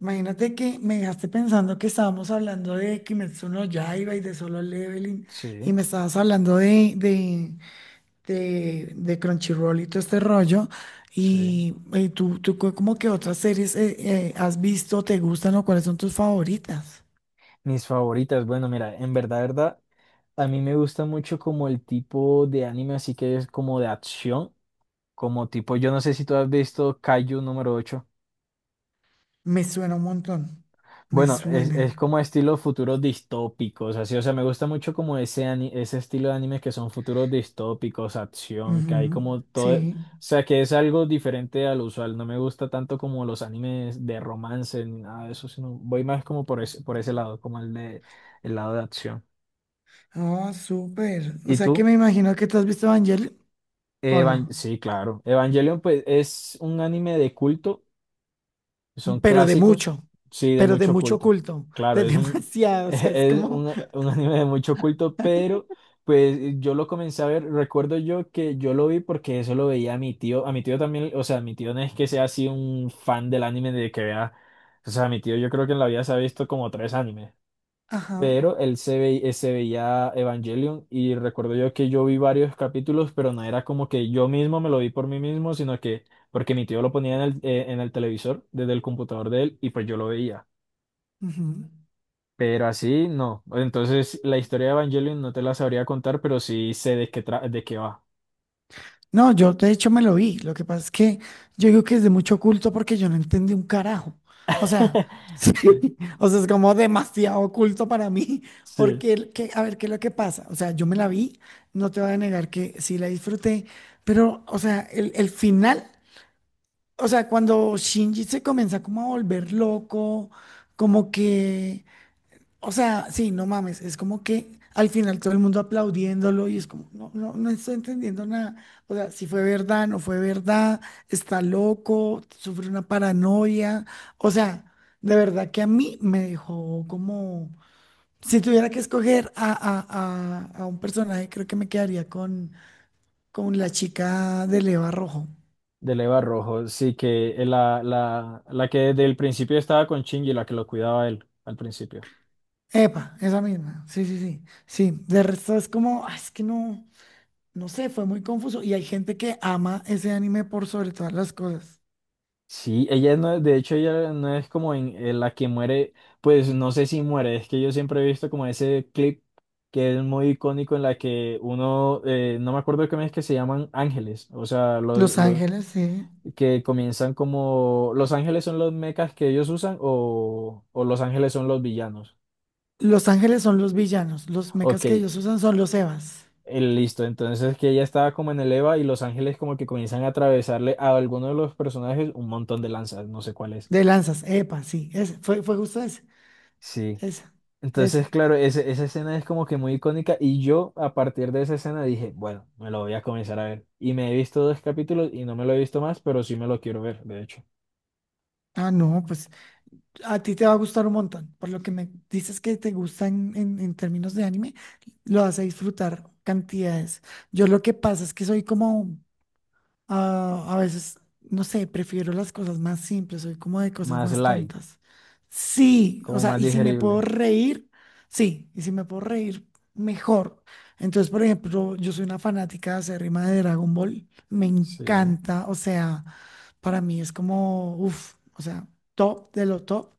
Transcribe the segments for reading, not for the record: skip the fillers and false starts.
Imagínate que me dejaste pensando que estábamos hablando de Kimetsu no Yaiba y de Solo Leveling Sí, y me estabas hablando de Crunchyroll y todo este rollo. sí. Y, tú cu- como que otras series has visto, te gustan o cuáles son tus favoritas. Mis favoritas, bueno, mira, en verdad, verdad, a mí me gusta mucho como el tipo de anime, así que es como de acción, como tipo, yo no sé si tú has visto Kaiju número 8. Me suena un montón. Me Bueno, es, suena. es como estilo futuros distópicos, así, o sea, me gusta mucho como ese, ese estilo de anime que son futuros distópicos, acción, que hay Ujú. como todo, o Sí. sea, que es algo diferente al usual, no me gusta tanto como los animes de romance ni nada de eso, sino voy más como por ese lado, como el de, el lado de acción. Ah, súper. O ¿Y sea que tú? me imagino que te has visto Evangelion, ¿o no? Sí, claro. Evangelion, pues, es un anime de culto. Son Pero de clásicos. mucho, Sí, de pero de mucho mucho culto. culto, Claro, de es un, demasiado, o sea, es es como, un, un anime de mucho culto, pero pues yo lo comencé a ver. Recuerdo yo que yo lo vi porque eso lo veía a mi tío. A mi tío también, o sea, mi tío no es que sea así un fan del anime de que vea. O sea, mi tío yo creo que en la vida se ha visto como tres animes. ajá, Pero él se ve, se veía Evangelion y recuerdo yo que yo vi varios capítulos, pero no era como que yo mismo me lo vi por mí mismo, sino que porque mi tío lo ponía en el televisor desde el computador de él y pues yo lo veía. ujú. Pero así no. Entonces la historia de Evangelion no te la sabría contar, pero sí sé de qué, de qué va. No, yo de hecho me lo vi, lo que pasa es que yo digo que es de mucho culto porque yo no entendí un carajo, o sea, sí, Sí, o sea, es como demasiado oculto para mí, sí, porque, el- que, a ver, ¿qué es lo que pasa? O sea, yo me la vi, no te voy a negar que sí la disfruté, pero, o sea, el final, o sea, cuando Shinji se comienza como a volver loco, como que... O sea, sí, no mames, es como que al final todo el mundo aplaudiéndolo y es como, no, no, no estoy entendiendo nada. O sea, si fue verdad, no fue verdad, está loco, sufre una paranoia. O sea, de verdad que a mí me dejó como, si tuviera que escoger a un personaje, creo que me quedaría con la chica de Leva Rojo. del Eva Rojo. Sí, que la que desde el principio estaba con Shinji, la que lo cuidaba él al principio. Epa, esa misma, sí, sí, sí, sí. De resto es como, "Ah, es que no. No sé, fue muy confuso." Y hay gente que ama ese anime por sobre todas las cosas. Sí, ella no, de hecho ella no es como en la que muere, pues no sé si muere, es que yo siempre he visto como ese clip que es muy icónico en la que uno, no me acuerdo cómo es que se llaman ángeles, o sea, los, Los los ángeles, sí. que comienzan como, los ángeles son los mechas que ellos usan o los ángeles son los villanos. Los ángeles son los villanos. Los Ok, mechas que ellos usan son los Evas. listo, entonces que ella estaba como en el Eva y los ángeles como que comienzan a atravesarle a alguno de los personajes un montón de lanzas, no sé cuál es. De lanzas. Epa, sí. Ese, fue, fue justo ese. Sí. Esa. Entonces, Esa. claro, esa escena es como que muy icónica y yo a partir de esa escena dije, bueno, me lo voy a comenzar a ver. Y me he visto dos capítulos y no me lo he visto más, pero sí me lo quiero ver, de hecho. Ah, no, pues a ti te va a gustar un montón. Por lo que me dices que te gusta en, en términos de anime, lo vas a disfrutar cantidades. Yo lo que pasa es que soy como. Ah, a veces, no sé, prefiero las cosas más simples, soy como de cosas Más más light, tontas. Sí, o como sea, más y si me puedo digerible. reír, sí, y si me puedo reír, mejor. Entonces, por ejemplo, yo soy una fanática acérrima de Dragon Ball, me Sí, encanta, o sea, para mí es como, uff, o sea, top de lo top.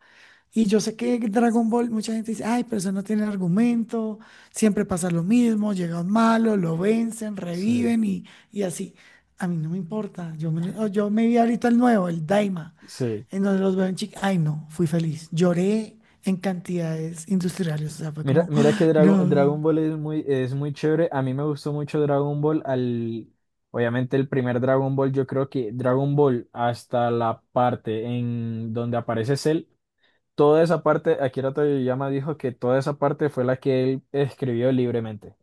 Y yo sé que Dragon Ball, mucha gente dice, ay, pero eso no tiene argumento, siempre pasa lo mismo, llega un malo, lo vencen, sí, reviven y así. A mí no me importa, yo me, lo- oh, yo me vi ahorita el nuevo, el Daima, sí. en donde los veo en chica, ay no, fui feliz, lloré en cantidades industriales, o sea, fue Mira, como, mira que "Ah, Dragon, no, Dragon Ball es muy chévere. A mí me gustó mucho Dragon Ball al... Obviamente el primer Dragon Ball, yo creo que Dragon Ball hasta la parte en donde aparece Cell. Toda esa parte, Akira Toriyama dijo que toda esa parte fue la que él escribió libremente.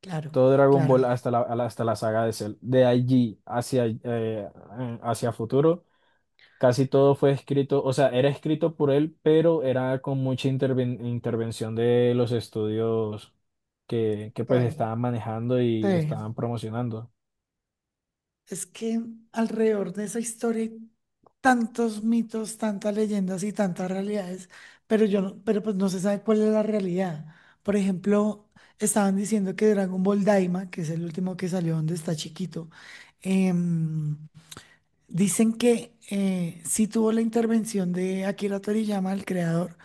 claro, Todo Dragon Ball claro." hasta la, hasta la saga de Cell. De allí hacia, hacia futuro, casi todo fue escrito, o sea, era escrito por él, pero era con mucha intervención de los estudios que pues Estoy. estaban manejando y Sí. estaban promocionando. Es que alrededor de esa historia hay tantos mitos, tantas leyendas y tantas realidades, pero yo no- pero pues no se sabe cuál es la realidad. Por ejemplo, estaban diciendo que Dragon Ball Daima, que es el último que salió donde está chiquito, em, dicen que sí tuvo la intervención de Akira Toriyama, el creador,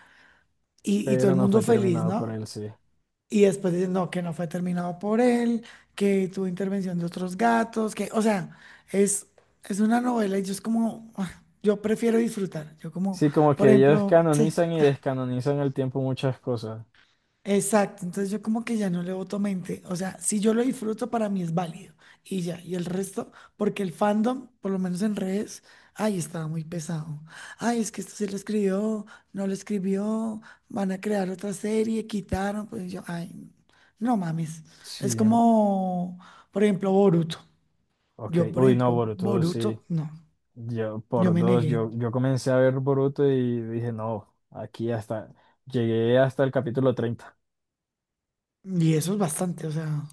y todo Pero el no mundo fue feliz, terminado por ¿no? él, sí. Y después dicen, no, que no fue terminado por él, que tuvo intervención de otros gatos, que, o sea, es, es una novela y yo es como, ah, yo prefiero disfrutar. Yo como, Sí, como por que ellos ejemplo, sí. canonizan y descanonizan al tiempo muchas cosas. Exacto, entonces yo como que ya no le voto mente, o sea, si yo lo disfruto para mí es válido y ya, y el resto, porque el fandom, por lo menos en redes, ay, estaba muy pesado, ay, es que esto sí lo escribió, no lo escribió, van a crear otra serie, quitaron, pues yo, ay, no mames, es Sí, como, por ejemplo, Boruto, ok, yo por uy, no, ejemplo, Boruto, sí, Boruto, no, yo yo por me dos, negué. yo comencé a ver Boruto y dije, no, aquí hasta, llegué hasta el capítulo 30. Y eso es bastante, o sea,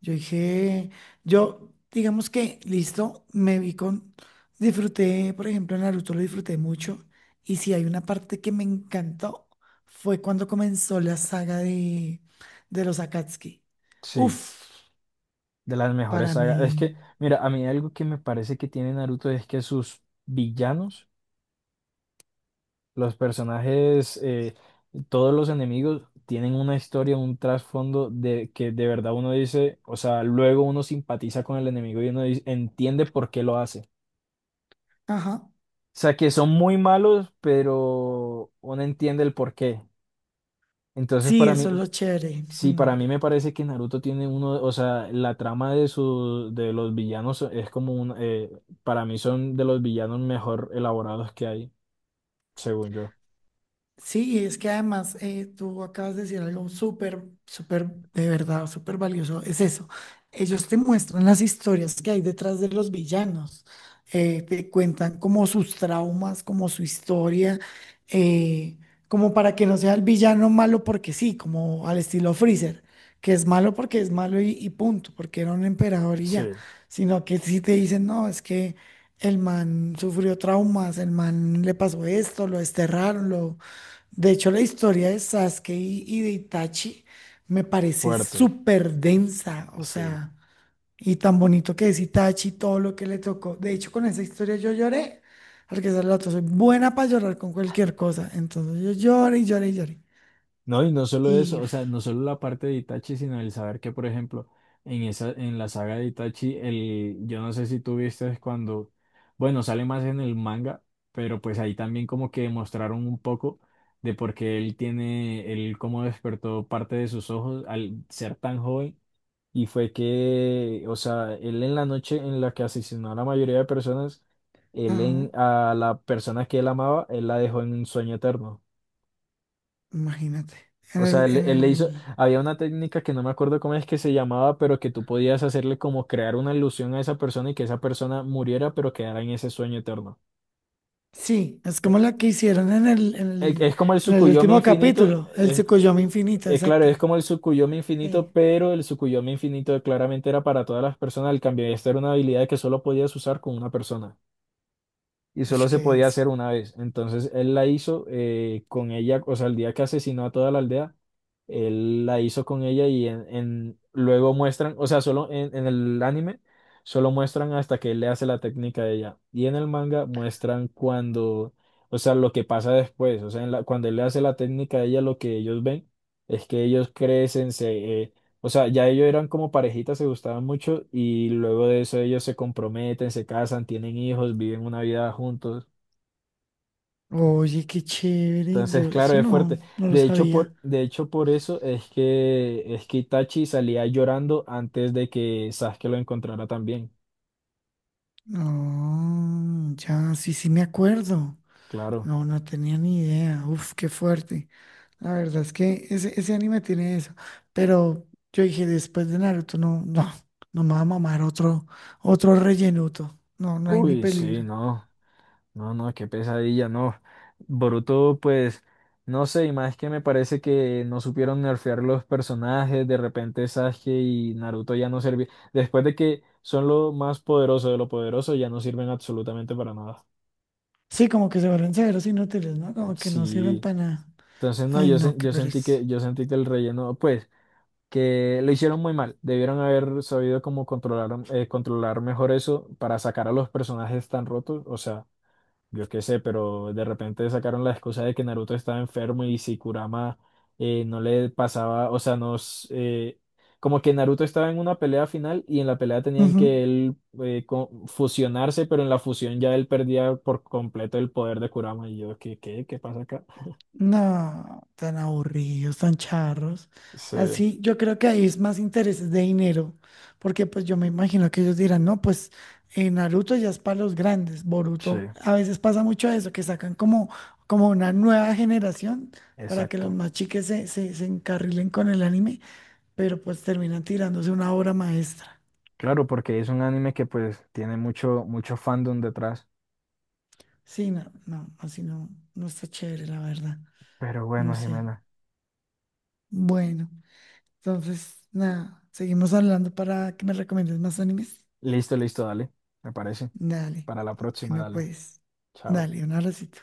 yo dije, yo, digamos que, listo, me vi con, disfruté, por ejemplo, en Naruto lo disfruté mucho, y si hay una parte que me encantó, fue cuando comenzó la saga de los Akatsuki. Sí, Uf, de las mejores para sagas, es mí, que, mira, a mí algo que me parece que tiene Naruto es que sus villanos, los personajes, todos los enemigos tienen una historia, un trasfondo de que de verdad uno dice, o sea, luego uno simpatiza con el enemigo y uno entiende por qué lo hace. ajá, Sea, que son muy malos, pero uno entiende el porqué. Entonces, sí, para eso es mí, lo chévere. sí, Mm. para mí me parece que Naruto tiene uno, o sea, la trama de su, de los villanos es como un, para mí son de los villanos mejor elaborados que hay, según yo. Sí, y es que además tú acabas de decir algo súper, súper, de verdad, súper valioso. Es eso. Ellos te muestran las historias que hay detrás de los villanos. Te cuentan como sus traumas, como su historia, eh, como para que no sea el villano malo porque sí, como al estilo Freezer, que es malo porque es malo y punto, porque era un emperador y Sí, ya. Sino que si te dicen, no, es que el man sufrió traumas, el man le pasó esto, lo desterraron, lo de hecho, la historia de Sasuke y de Itachi me parece fuerte, súper densa, o sí. sea, y tan bonito que es Itachi, todo lo que le tocó. De hecho, con esa historia yo lloré, porque esa es la otra, soy buena para llorar con cualquier cosa. Entonces yo lloré y lloré y lloré. No, y no solo Y, eso, o sea, uf, no solo la parte de Itachi, sino el saber que, por ejemplo, en esa, en la saga de Itachi, el, yo no sé si tú viste cuando, bueno, sale más en el manga, pero pues ahí también como que mostraron un poco de por qué él tiene, él cómo despertó parte de sus ojos al ser tan joven, y fue que, o sea, él en la noche en la que asesinó a la mayoría de personas, él ajá, en, a la persona que él amaba, él la dejó en un sueño eterno. imagínate, en O sea, el, él, en él le hizo, el, había una técnica que no me acuerdo cómo es que se llamaba, pero que tú podías hacerle como crear una ilusión a esa persona y que esa persona muriera, pero quedara en ese sueño eterno. sí, es Eh, como la que hicieron Es, como el en el Tsukuyomi último infinito, capítulo, el es, Tsukuyomi infinita, claro, es exacta. como el Tsukuyomi infinito, Sí. pero el Tsukuyomi infinito claramente era para todas las personas, el cambio, esta era una habilidad que solo podías usar con una persona. Y solo Ush, se qué podía denso. hacer una vez. Entonces él la hizo con ella, o sea, el día que asesinó a toda la aldea, él la hizo con ella y en, luego muestran, o sea, solo en el anime, solo muestran hasta que él le hace la técnica de ella. Y en el manga muestran cuando, o sea, lo que pasa después, o sea, en cuando él le hace la técnica a ella, lo que ellos ven es que ellos crecen, se, o sea, ya ellos eran como parejitas, se gustaban mucho y luego de eso ellos se comprometen, se casan, tienen hijos, viven una vida juntos. Oye, qué chévere. Entonces, Yo claro, eso es no, fuerte. no lo sabía. De hecho, por eso es que Itachi salía llorando antes de que Sasuke lo encontrara también. No, ya, sí, sí me acuerdo. Claro. No, no tenía ni idea. Uf, qué fuerte. La verdad es que ese anime tiene eso. Pero yo dije, después de Naruto, no, no, no me va a mamar otro, otro rellenuto. No, no hay ni Uy, sí, peligro. no. No, no, qué pesadilla, no. Boruto, pues, no sé, y más que me parece que no supieron nerfear los personajes, de repente Sasuke y Naruto ya no servían. Después de que son lo más poderoso de lo poderoso, ya no sirven absolutamente para nada. Sí, como que se vuelven severos inútiles, ¿no? Como que no sirven Sí. para nada. Entonces, no, Ay, yo, no, qué pereza. Yo sentí que el relleno, pues, que lo hicieron muy mal. Debieron haber sabido cómo controlar, controlar mejor eso para sacar a los personajes tan rotos. O sea. Yo qué sé, pero de repente sacaron la excusa de que Naruto estaba enfermo y si Kurama no le pasaba, o sea, nos... como que Naruto estaba en una pelea final y en la pelea tenían que Ujú. él fusionarse, pero en la fusión ya él perdía por completo el poder de Kurama. Y yo, ¿qué, qué, qué pasa acá? No, tan aburridos, tan charros. Sí, Así, yo creo que ahí es más intereses de dinero, porque pues yo me imagino que ellos dirán, no, pues Naruto ya es para los grandes, sí, Boruto, a veces pasa mucho eso, que sacan como, como una nueva generación para que los exacto. más chiques se encarrilen con el anime, pero pues terminan tirándose una obra maestra. Claro, porque es un anime que pues tiene mucho, mucho fandom detrás. Sí, no, no, así no, no está chévere, la verdad, Pero no bueno, sé. Jimena. Bueno. Entonces, nada, seguimos hablando para que me recomiendes más animes. Listo, listo, dale. Me parece. Dale. Para la próxima, Bueno, dale. pues, Chao. dale, un abracito.